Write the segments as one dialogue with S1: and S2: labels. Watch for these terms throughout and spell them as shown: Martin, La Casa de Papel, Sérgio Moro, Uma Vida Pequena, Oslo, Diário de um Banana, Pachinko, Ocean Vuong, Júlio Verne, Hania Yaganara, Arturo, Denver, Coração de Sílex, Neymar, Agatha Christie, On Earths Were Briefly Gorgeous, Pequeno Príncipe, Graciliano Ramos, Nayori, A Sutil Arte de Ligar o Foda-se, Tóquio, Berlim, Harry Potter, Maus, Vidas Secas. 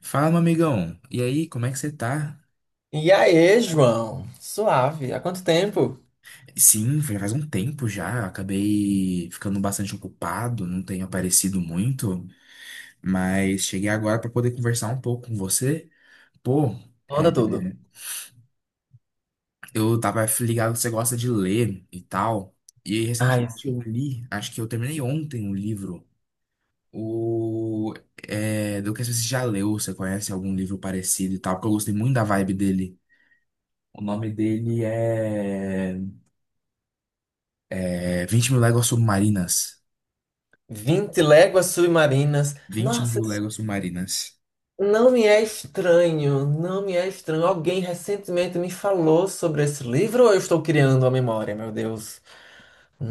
S1: Fala, meu amigão. E aí, como é que você tá?
S2: E aí, João? Suave. Há quanto tempo?
S1: Sim, já faz um tempo já. Acabei ficando bastante ocupado, não tenho aparecido muito, mas cheguei agora para poder conversar um pouco com você. Pô, é,
S2: Manda tudo.
S1: eu tava ligado que você gosta de ler e tal. E recentemente
S2: Ai,
S1: eu li, acho que eu terminei ontem um livro. O, do que você já leu, você conhece algum livro parecido e tal, porque eu gostei muito da vibe dele. O nome dele é 20 Mil Léguas Submarinas.
S2: vinte léguas submarinas.
S1: vinte
S2: Nossa,
S1: mil
S2: isso
S1: léguas submarinas.
S2: não me é estranho. Não me é estranho. Alguém recentemente me falou sobre esse livro ou eu estou criando a memória, meu Deus?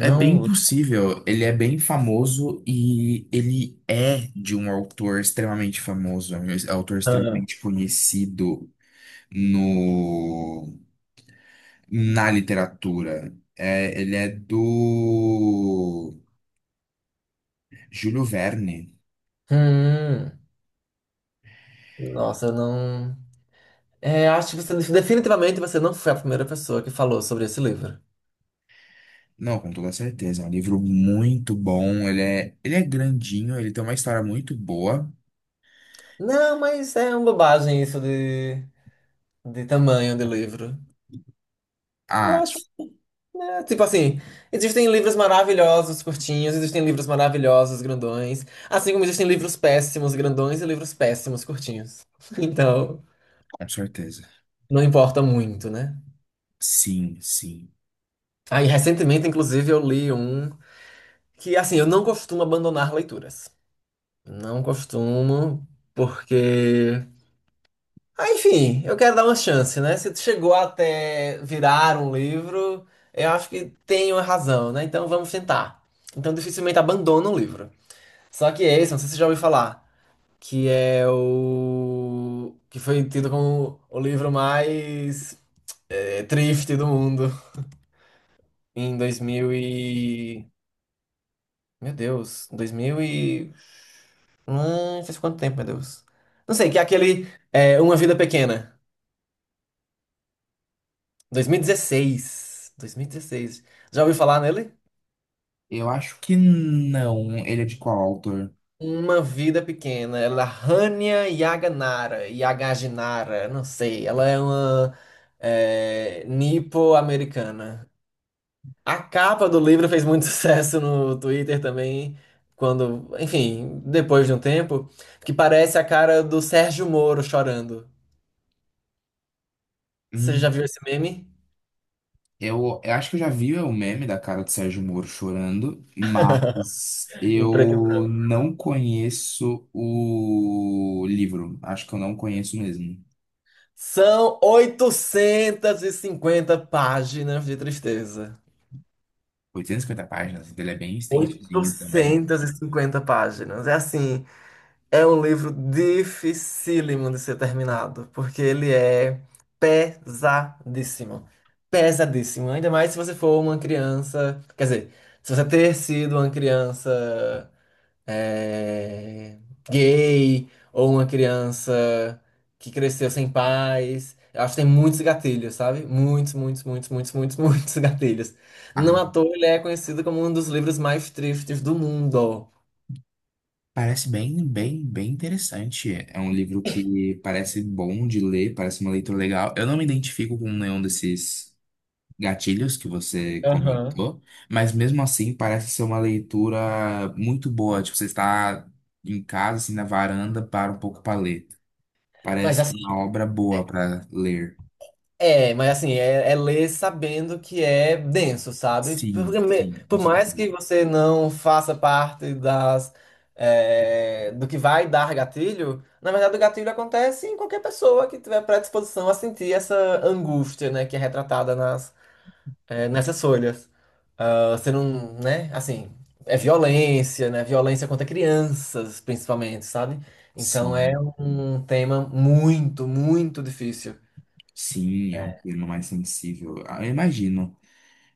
S1: É bem possível, ele é bem famoso e ele é de um autor extremamente famoso, é um autor
S2: Ah.
S1: extremamente conhecido no, na literatura. É, ele é do Júlio Verne.
S2: Hum. Nossa, eu não. É, acho que você definitivamente você não foi a primeira pessoa que falou sobre esse livro.
S1: Não, com toda certeza, é um livro muito bom, ele é grandinho, ele tem uma história muito boa.
S2: Não, mas é uma bobagem isso de tamanho de livro. Eu
S1: Ah,
S2: acho. É, tipo assim, existem livros maravilhosos, curtinhos, existem livros maravilhosos, grandões, assim como existem livros péssimos, grandões e livros péssimos, curtinhos. Então,
S1: com certeza.
S2: não importa muito, né?
S1: Sim, sim.
S2: Aí, recentemente, inclusive, eu li um que, assim, eu não costumo abandonar leituras. Não costumo, porque. Ah, enfim, eu quero dar uma chance, né? Se chegou até virar um livro, eu acho que tem uma razão, né? Então, vamos tentar. Então, dificilmente abandono o livro. Só que é esse, não sei se você já ouviu falar, que é o. Que foi tido como o livro mais triste do mundo em 2000 e. Meu Deus, 2000 e. Faz quanto tempo, meu Deus? Não sei, que é aquele é Uma Vida Pequena, 2016. 2016. Já ouviu falar nele?
S1: Eu acho que não. Ele é de qual autor?
S2: Uma Vida Pequena, ela é da Hania Yaganara, Yagaginara, não sei, ela é uma nipo-americana. A capa do livro fez muito sucesso no Twitter também, quando, enfim, depois de um tempo, que parece a cara do Sérgio Moro chorando. Você já
S1: Hum,
S2: viu esse meme?
S1: eu acho que eu já vi o meme da cara do Sérgio Moro chorando, mas
S2: Em preto e
S1: eu
S2: branco.
S1: não conheço o livro. Acho que eu não conheço mesmo.
S2: São 850 páginas de tristeza.
S1: 850 páginas, ele é bem extensozinho também.
S2: 850 páginas. É assim. É um livro dificílimo de ser terminado, porque ele é pesadíssimo. Pesadíssimo. Ainda mais se você for uma criança. Quer dizer, se você ter sido uma criança eh, gay ou uma criança que cresceu sem pais. Eu acho que tem muitos gatilhos, sabe? Muitos, muitos, muitos, muitos, muitos, muitos gatilhos. Não
S1: Ah,
S2: à toa ele é conhecido como um dos livros mais tristes do mundo.
S1: parece bem, bem, bem interessante. É um livro que parece bom de ler, parece uma leitura legal. Eu não me identifico com nenhum desses gatilhos que você
S2: Aham.
S1: comentou, mas mesmo assim parece ser uma leitura muito boa. Tipo, você está em casa, assim, na varanda, para um pouco para ler.
S2: Mas
S1: Parece
S2: assim.
S1: uma obra boa para ler.
S2: Mas assim, é ler sabendo que é denso, sabe?
S1: Sim, sim, com
S2: Por
S1: certeza.
S2: mais que você não faça parte das, do que vai dar gatilho, na verdade o gatilho acontece em qualquer pessoa que tiver predisposição a sentir essa angústia, né, que é retratada nas, nessas folhas. Ah, você não, né, assim, é violência, né, violência contra crianças, principalmente, sabe? Então é
S1: Sim,
S2: um tema muito, muito difícil.
S1: sim, é um termo mais sensível. Ah, eu imagino.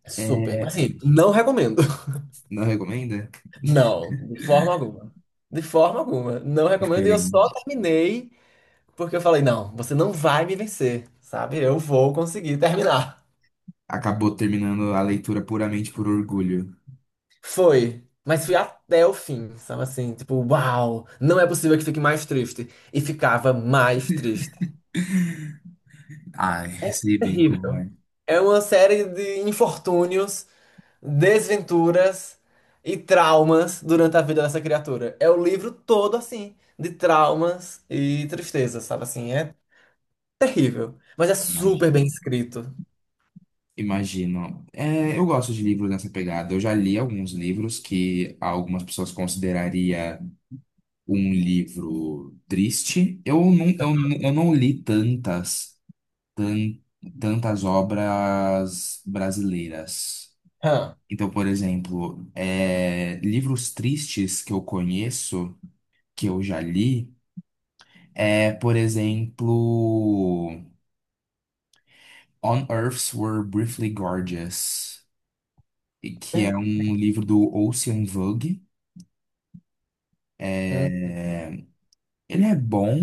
S2: É
S1: É,
S2: super. Mas, assim, não recomendo.
S1: não recomenda?
S2: Não, de forma alguma. De forma alguma. Não recomendo. E eu só
S1: Diferente.
S2: terminei porque eu falei, não, você não vai me vencer, sabe? Eu vou conseguir terminar.
S1: Acabou terminando a leitura puramente por orgulho.
S2: Foi. Mas fui até o fim, sabe assim? Tipo, uau, não é possível que fique mais triste. E ficava mais triste.
S1: Ai,
S2: É
S1: sei bem como
S2: terrível.
S1: é.
S2: É uma série de infortúnios, desventuras e traumas durante a vida dessa criatura. É o livro todo assim, de traumas e tristeza, sabe assim? É terrível, mas é super bem escrito.
S1: Imagino. É, eu gosto de livros nessa pegada. Eu já li alguns livros que algumas pessoas consideraria um livro triste. Eu não li tan- tantas obras brasileiras.
S2: Hã.
S1: Então, por exemplo, livros tristes que eu conheço, que eu já li, por exemplo, On Earths Were Briefly Gorgeous. E que
S2: Hum,
S1: é um livro do Ocean Vuong.
S2: hum.
S1: Ele é bom,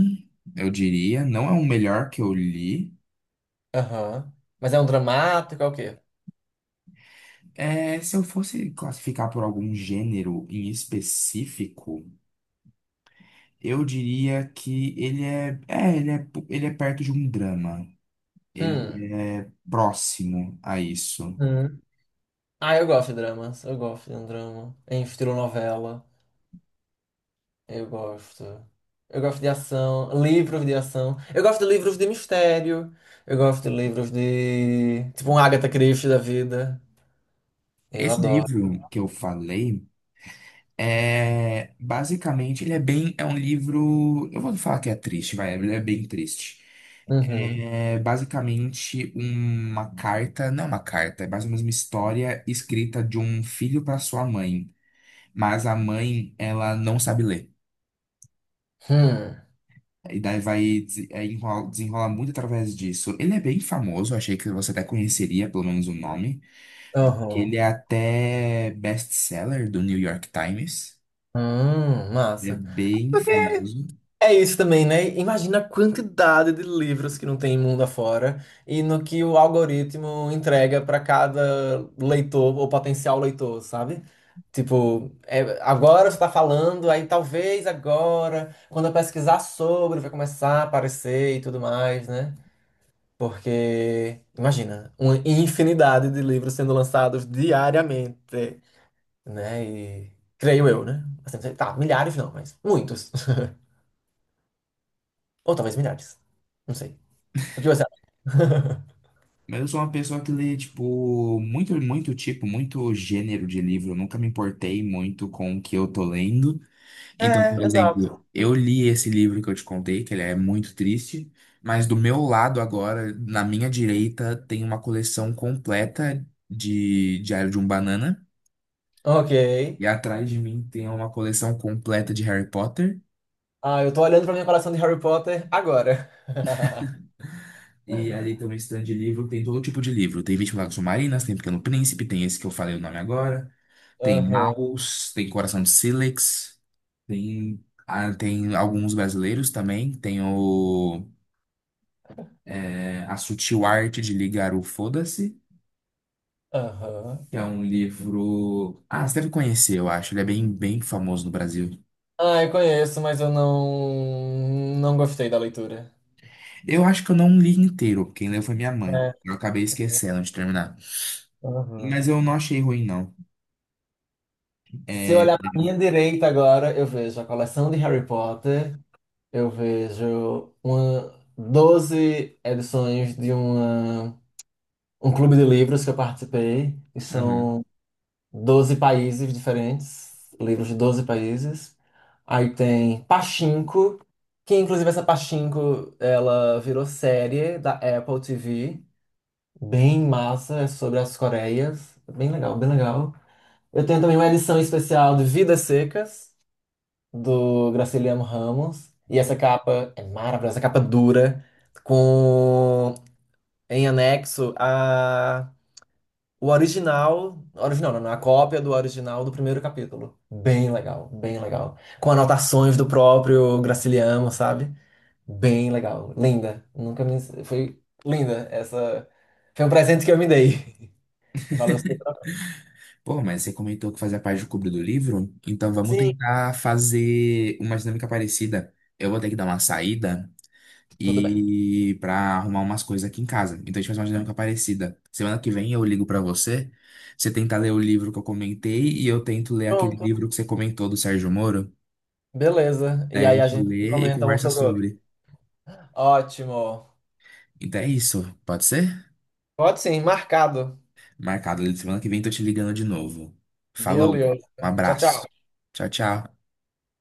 S1: eu diria, não é o melhor que eu li.
S2: Aham. Mas é um dramático, é o quê?
S1: É, se eu fosse classificar por algum gênero em específico, eu diria que ele é perto de um drama.
S2: Hum.
S1: Ele é próximo a isso.
S2: Hum. Ah, eu gosto de dramas. Eu gosto de um drama em estilo novela. Eu gosto. Eu gosto de ação, livros de ação. Eu gosto de livros de mistério. Eu gosto de livros de. Tipo um Agatha Christie da vida. Eu
S1: Esse
S2: adoro.
S1: livro que eu falei. É, basicamente, é um livro, eu vou falar que é triste, vai, ele é bem triste.
S2: Uhum.
S1: É basicamente uma carta, não é uma carta, é mais ou menos uma história escrita de um filho para sua mãe, mas a mãe, ela não sabe ler.
S2: Hum.
S1: E daí vai desenrolar muito através disso. Ele é bem famoso, achei que você até conheceria pelo menos o nome, porque
S2: Uhum.
S1: ele é até best-seller do New York Times. Ele é
S2: Massa.
S1: bem famoso.
S2: É isso também, né? Imagina a quantidade de livros que não tem mundo afora e no que o algoritmo entrega para cada leitor ou potencial leitor, sabe? Tipo, é, agora você está falando, aí talvez agora, quando eu pesquisar sobre, vai começar a aparecer e tudo mais, né? Porque, imagina, uma infinidade de livros sendo lançados diariamente, né? E creio eu, né? Assim, tá, milhares não, mas muitos. Ou talvez milhares. Não sei. O que você acha?
S1: Mas eu sou uma pessoa que lê, tipo, muito, muito tipo, muito gênero de livro. Eu nunca me importei muito com o que eu tô lendo.
S2: É,
S1: Então, por
S2: exato.
S1: exemplo, eu li esse livro que eu te contei, que ele é muito triste, mas do meu lado agora, na minha direita, tem uma coleção completa de Diário de um Banana.
S2: Ok.
S1: E atrás de mim tem uma coleção completa de Harry Potter.
S2: Ah, eu tô olhando pra minha coleção de Harry Potter agora.
S1: E ali tem um stand de livro, tem todo tipo de livro. Tem 20 Lágrimas Submarinas, tem Pequeno Príncipe, tem esse que eu falei o nome agora. Tem
S2: Aham,
S1: Maus, tem Coração de Sílex, tem alguns brasileiros também. Tem A Sutil Arte de Ligar o Foda-se,
S2: aham.
S1: que é um livro. Ah, você deve conhecer, eu acho. Ele é bem, bem famoso no Brasil.
S2: Ah, eu conheço, mas eu não gostei da leitura.
S1: Eu acho que eu não li inteiro, quem leu foi minha mãe.
S2: É,
S1: Eu acabei esquecendo de terminar.
S2: aham.
S1: Mas eu não achei ruim, não.
S2: Se eu
S1: É.
S2: olhar pra minha direita agora, eu vejo a coleção de Harry Potter, eu vejo uma, 12 edições de uma, um clube de livros que eu participei, e
S1: Aham.
S2: são 12 países diferentes, livros de 12 países. Aí tem Pachinko, que inclusive essa Pachinko, ela virou série da Apple TV, bem massa, é sobre as Coreias, bem legal, bem legal. Eu tenho também uma edição especial de Vidas Secas, do Graciliano Ramos, e essa capa é maravilhosa, essa capa dura, com em anexo o original, não, a cópia do original do primeiro capítulo. Bem legal, bem legal. Com anotações do próprio Graciliano, sabe? Bem legal, linda. Nunca me foi linda essa. Foi um presente que eu me dei. Valeu o seu trabalho.
S1: Pô, mas você comentou que fazia parte do clube do livro, então vamos
S2: Sim,
S1: tentar fazer uma dinâmica parecida. Eu vou ter que dar uma saída,
S2: tudo bem.
S1: e pra arrumar umas coisas aqui em casa. Então a gente faz uma dinâmica parecida. Semana que vem eu ligo pra você, você tenta ler o livro que eu comentei e eu tento ler aquele
S2: Pronto,
S1: livro que você comentou do Sérgio Moro.
S2: beleza. E
S1: Daí a
S2: aí a
S1: gente
S2: gente
S1: lê e
S2: comenta um
S1: conversa
S2: sobre o outro.
S1: sobre.
S2: Ótimo.
S1: Então é isso, pode ser?
S2: Pode sim, marcado.
S1: Marcado. Semana que vem tô te ligando de novo. Falou,
S2: Beleza.
S1: um
S2: Tchau, tchau.
S1: abraço. Tchau, tchau.